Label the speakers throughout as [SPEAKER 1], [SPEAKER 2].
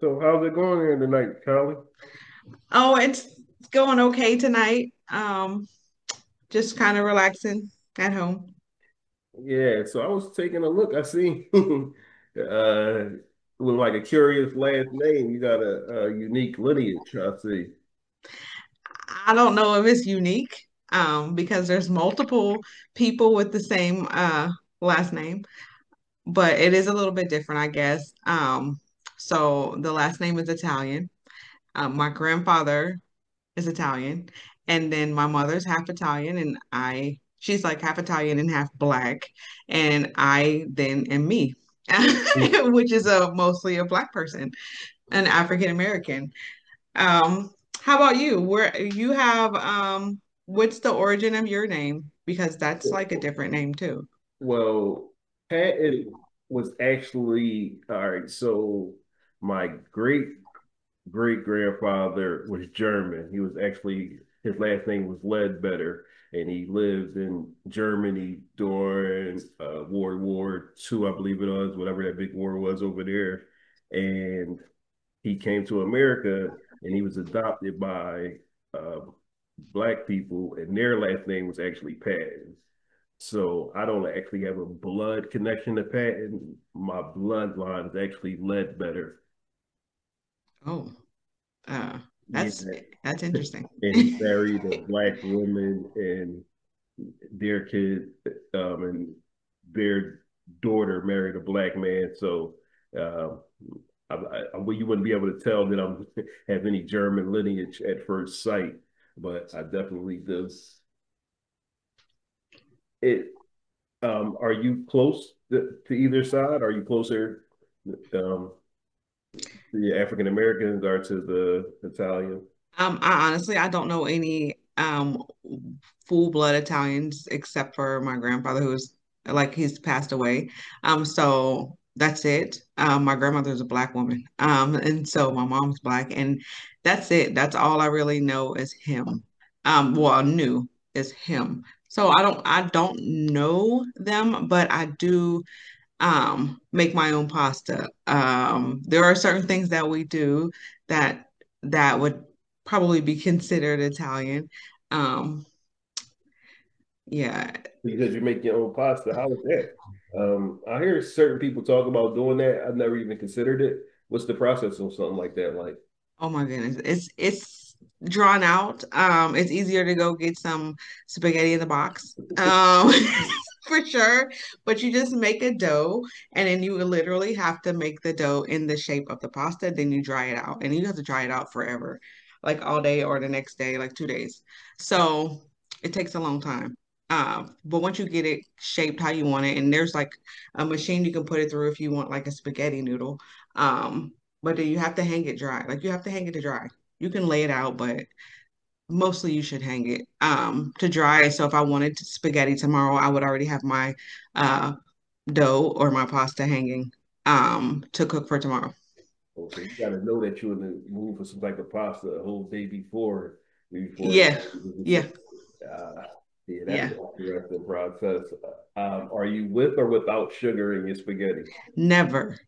[SPEAKER 1] So how's it going here tonight, Charlie?
[SPEAKER 2] Oh, it's going okay tonight. Just kind of relaxing at home.
[SPEAKER 1] Yeah, so I was taking a look. I see with like a curious last name, you got a unique lineage, I see.
[SPEAKER 2] I don't know if it's unique, because there's multiple people with the same last name, but it is a little bit different, I guess. So the last name is Italian. My grandfather is Italian, and then my mother's half Italian, and I she's like half Italian and half black, and I then am me.
[SPEAKER 1] Mm.
[SPEAKER 2] Which is a mostly a black person. An African American. Um, how about you? Where you have what's the origin of your name? Because that's like a different name too.
[SPEAKER 1] Well, Patton was actually all right, so my great great grandfather was German. He was actually his last name was Ledbetter, and he lived in Germany during World War II, I believe it was, whatever that big war was over there. And he came to America, and he was adopted by uh, black people, and their last name was actually Patton. So I don't actually have a blood connection to Patton. My bloodline is actually Ledbetter.
[SPEAKER 2] Oh. Oh,
[SPEAKER 1] Yeah,
[SPEAKER 2] that's that's interesting.
[SPEAKER 1] and he married a black woman, and their kid and their daughter married a black man. So um, well, you wouldn't be able to tell that I'm have any German lineage at first sight, but I definitely do. It. Are you close to either side? Are you closer? Um, the African Americans are to the Italian.
[SPEAKER 2] I honestly, I don't know any full-blood Italians except for my grandfather who's like he's passed away. So that's it. My grandmother's a black woman. And so my mom's black and that's it. That's all I really know is him. Well, I knew is him. So I don't know them, but I do, make my own pasta. There are certain things that we do that that would probably be considered Italian. Um, yeah.
[SPEAKER 1] Because you make your own pasta. How is that? I hear certain people talk about doing that. I've never even considered it. What's the process on something like that?
[SPEAKER 2] Oh my goodness. It's drawn out. It's easier to go get some spaghetti in the box. For sure. But you just make a dough and then you literally have to make the dough in the shape of the pasta, then you dry it out. And you have to dry it out forever, like all day or the next day, like 2 days. So it takes a long time. But once you get it shaped how you want it, and there's like a machine you can put it through if you want like a spaghetti noodle. Um, but then you have to hang it dry. Like you have to hang it to dry. You can lay it out, but mostly you should hang it to dry. So if I wanted spaghetti tomorrow, I would already have my uh dough or my pasta hanging to cook for tomorrow.
[SPEAKER 1] Oh, so you got to know that you're in the mood for some type of pasta a whole day before, before.
[SPEAKER 2] Yeah.
[SPEAKER 1] It,
[SPEAKER 2] Yeah.
[SPEAKER 1] uh, yeah, that's
[SPEAKER 2] Yeah.
[SPEAKER 1] an interesting process. Are you with or without sugar in your spaghetti?
[SPEAKER 2] Never.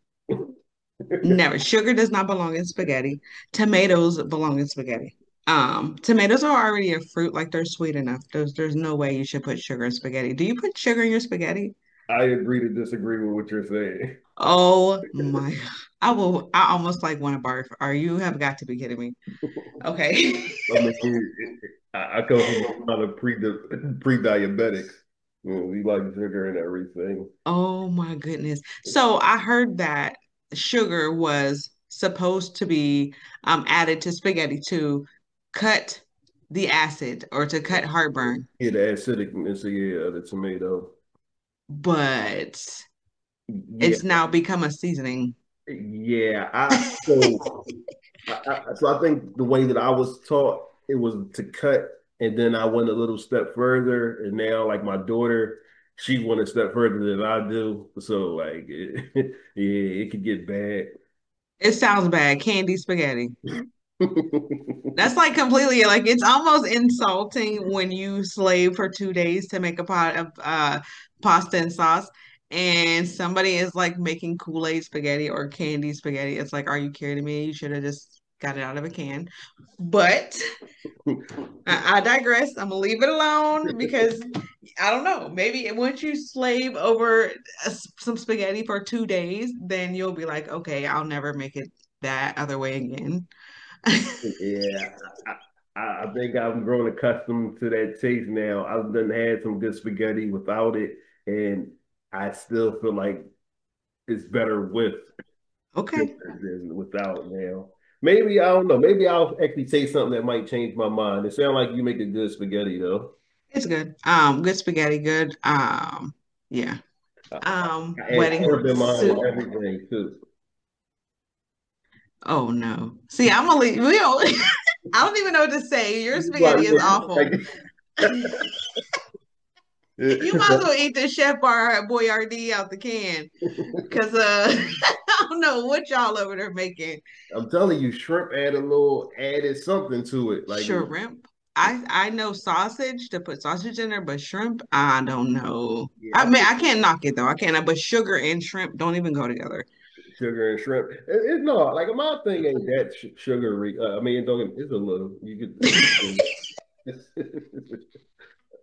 [SPEAKER 2] Never. Sugar does not belong in spaghetti. Tomatoes belong in spaghetti. Tomatoes are already a fruit, like they're sweet enough. There's no way you should put sugar in spaghetti. Do you put sugar in your spaghetti?
[SPEAKER 1] I agree to disagree with what you're saying.
[SPEAKER 2] Oh my God. I almost like want to barf. Are you have got to be kidding me? Okay.
[SPEAKER 1] I mean, it, I come from a another pre diabetic. We like sugar and everything.
[SPEAKER 2] Oh my goodness. So I heard that sugar was supposed to be added to spaghetti to cut the acid or to cut heartburn,
[SPEAKER 1] Yeah, the acidicness, yeah, of the tomato.
[SPEAKER 2] but
[SPEAKER 1] Yeah,
[SPEAKER 2] it's now become a seasoning.
[SPEAKER 1] yeah. So I think the way that I was taught it was to cut, and then I went a little step further, and now like my daughter, she went a step further than I do. So yeah, it could get bad.
[SPEAKER 2] It sounds bad. Candy spaghetti. That's like completely like it's almost insulting when you slave for 2 days to make a pot of pasta and sauce, and somebody is like making Kool-Aid spaghetti or candy spaghetti. It's like, are you kidding me? You should have just got it out of a can. But I digress. I'm gonna leave it alone because I don't know. Maybe once you slave over a some spaghetti for 2 days, then you'll be like, okay, I'll never make it that other way again.
[SPEAKER 1] Yeah, I, I, I think I've grown accustomed to that taste now. I've done had some good spaghetti without it, and I still feel like it's better with
[SPEAKER 2] Okay.
[SPEAKER 1] than without now. Maybe I don't know. Maybe I'll actually taste something that might change my mind. It sounds like you make a good spaghetti though.
[SPEAKER 2] It's good. Good spaghetti, good. Yeah.
[SPEAKER 1] I add shrimp
[SPEAKER 2] Wedding
[SPEAKER 1] in mine and
[SPEAKER 2] soup.
[SPEAKER 1] everything too.
[SPEAKER 2] Oh no. See, I'm gonna leave. We don't, I don't even know what to say. Your
[SPEAKER 1] You
[SPEAKER 2] spaghetti is awful.
[SPEAKER 1] yeah, like-
[SPEAKER 2] You might as well eat the Chef Bar Boyardee out the can because I don't know what y'all over there making.
[SPEAKER 1] I'm telling you, shrimp add a little added something to it. Like,
[SPEAKER 2] Shrimp. I know sausage to put sausage in there, but shrimp, I don't know.
[SPEAKER 1] yeah,
[SPEAKER 2] I mean,
[SPEAKER 1] I
[SPEAKER 2] I can't knock it though. I can't. But sugar and shrimp don't even go together.
[SPEAKER 1] sugar and shrimp. It, no, like my thing ain't that sh- sugary. I mean, don't get, it's a little. You could. It's-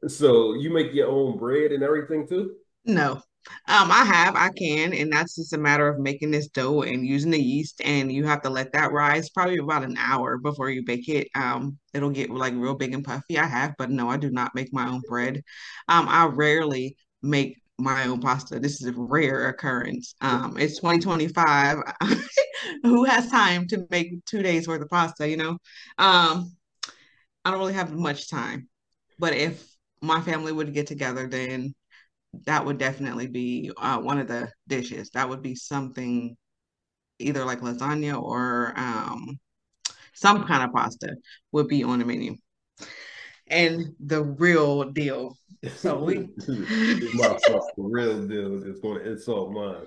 [SPEAKER 1] it's, so you make your own bread and everything too.
[SPEAKER 2] No. I have, I can, and that's just a matter of making this dough and using the yeast, and you have to let that rise probably about an hour before you bake it. It'll get like real big and puffy. I have, but no, I do not make my own bread. I rarely make my own pasta. This is a rare occurrence. It's 2025. Who has time to make 2 days worth of pasta, you know? Um, I don't really have much time, but if my family would get together, then that would definitely be, one of the dishes. That would be something either like lasagna or some kind of pasta would be on the menu. And the real deal. So we
[SPEAKER 1] My fucking real deal is going to insult mine.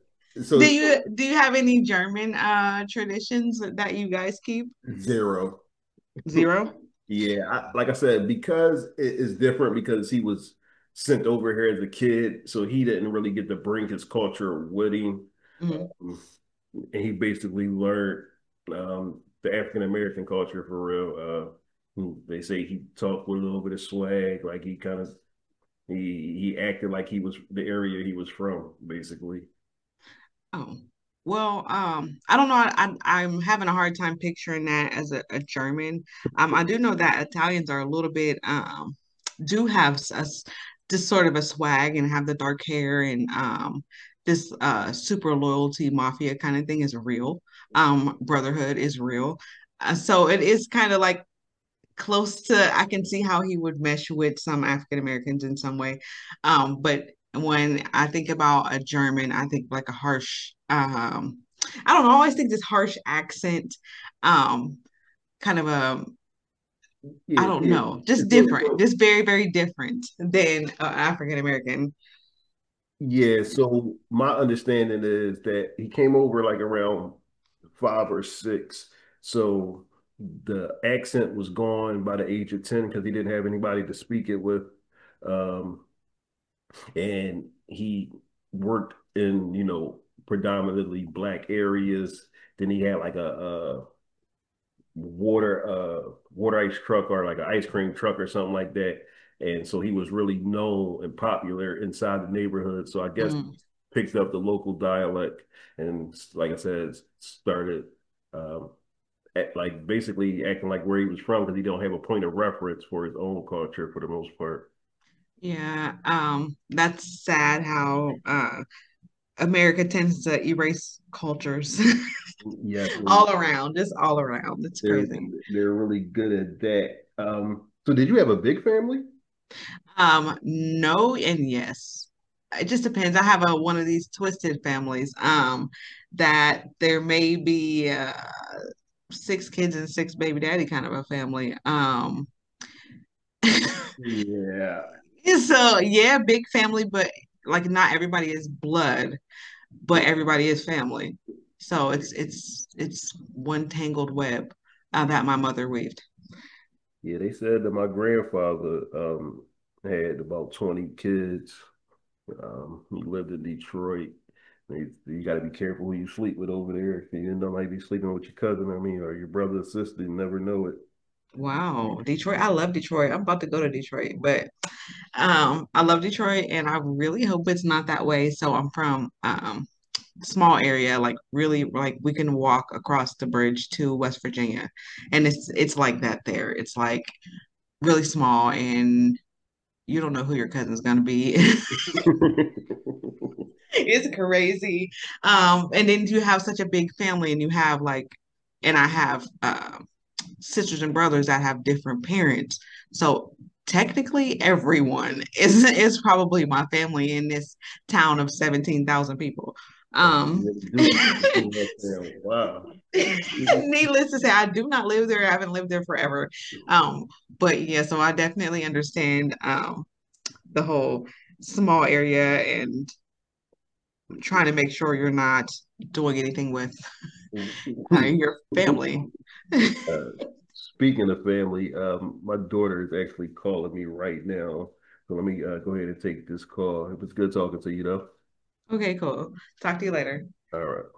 [SPEAKER 2] do
[SPEAKER 1] So
[SPEAKER 2] you have any German traditions that you guys keep?
[SPEAKER 1] zero.
[SPEAKER 2] Zero.
[SPEAKER 1] Yeah, I, like I said, because it is different because he was sent over here as a kid, so he didn't really get to bring his culture with him.
[SPEAKER 2] Mhm.
[SPEAKER 1] Um, and he basically learned the African American culture for real. They say he talked with a little bit of swag, like he kind of he acted like he was the area he was from, basically.
[SPEAKER 2] Oh, well, I don't know. I I'm having a hard time picturing that as a German. I do know that Italians are a little bit do have just sort of a swag and have the dark hair and this super loyalty mafia kind of thing is real. Brotherhood is real. So it is kind of like close to I can see how he would mesh with some African Americans in some way. But when I think about a German, I think like a harsh I don't know, I always think this harsh accent, um, kind of a I
[SPEAKER 1] Yeah.
[SPEAKER 2] don't yeah. know, just
[SPEAKER 1] So,
[SPEAKER 2] different, just very, very different than an African American.
[SPEAKER 1] yeah. So my understanding is that he came over like around five or six. So the accent was gone by the age of ten because he didn't have anybody to speak it with. Um, and he worked in, you know, predominantly black areas. Then he had like a water ice truck or like an ice cream truck or something like that. And so he was really known and popular inside the neighborhood. So I guess he
[SPEAKER 2] Mm,
[SPEAKER 1] picked up the local dialect and, like I said, started um, at, like basically acting like where he was from because he don't have a point of reference for his own culture for the most part.
[SPEAKER 2] yeah, that's sad how America tends to erase cultures
[SPEAKER 1] Yes, yeah,
[SPEAKER 2] all around. It's all around. It's
[SPEAKER 1] they're
[SPEAKER 2] crazy.
[SPEAKER 1] they're really good at that. So did you have a big family?
[SPEAKER 2] No and yes. It just depends. I have a one of these twisted families. That there may be, six kids and six baby daddy kind of a family.
[SPEAKER 1] Yeah,
[SPEAKER 2] So yeah, big family, but like not everybody is blood, but everybody is family. So it's one tangled web, that my mother weaved.
[SPEAKER 1] yeah. They said that my grandfather had about 20 kids. He lived in Detroit. You got to be careful who you sleep with over there. If you didn't know, might be sleeping with your cousin. I mean, or your brother or sister. You never know it.
[SPEAKER 2] Wow, Detroit. I love Detroit. I'm about to go to Detroit, but I love Detroit and I really hope it's not that way. So I'm from small area, like really like we can walk across the bridge to West Virginia. And it's like that there. It's like really small and you don't know who your cousin's gonna be. It's crazy. And then you have such a big family, and you have like, and I have, sisters and brothers that have different parents. So technically, everyone is probably my family in this town of 17,000 people.
[SPEAKER 1] But you
[SPEAKER 2] Um,
[SPEAKER 1] really do. Wow.
[SPEAKER 2] needless to say, I do not live there. I haven't lived there forever. Um, but yeah, so I definitely understand the whole small area and trying to make sure you're not doing anything with,
[SPEAKER 1] Yeah.
[SPEAKER 2] your family.
[SPEAKER 1] Uh, Speaking of family, my daughter is actually calling me right now. So let me go ahead and take this call. It was good talking to you, though.
[SPEAKER 2] Okay, cool. Talk to you later.
[SPEAKER 1] All right.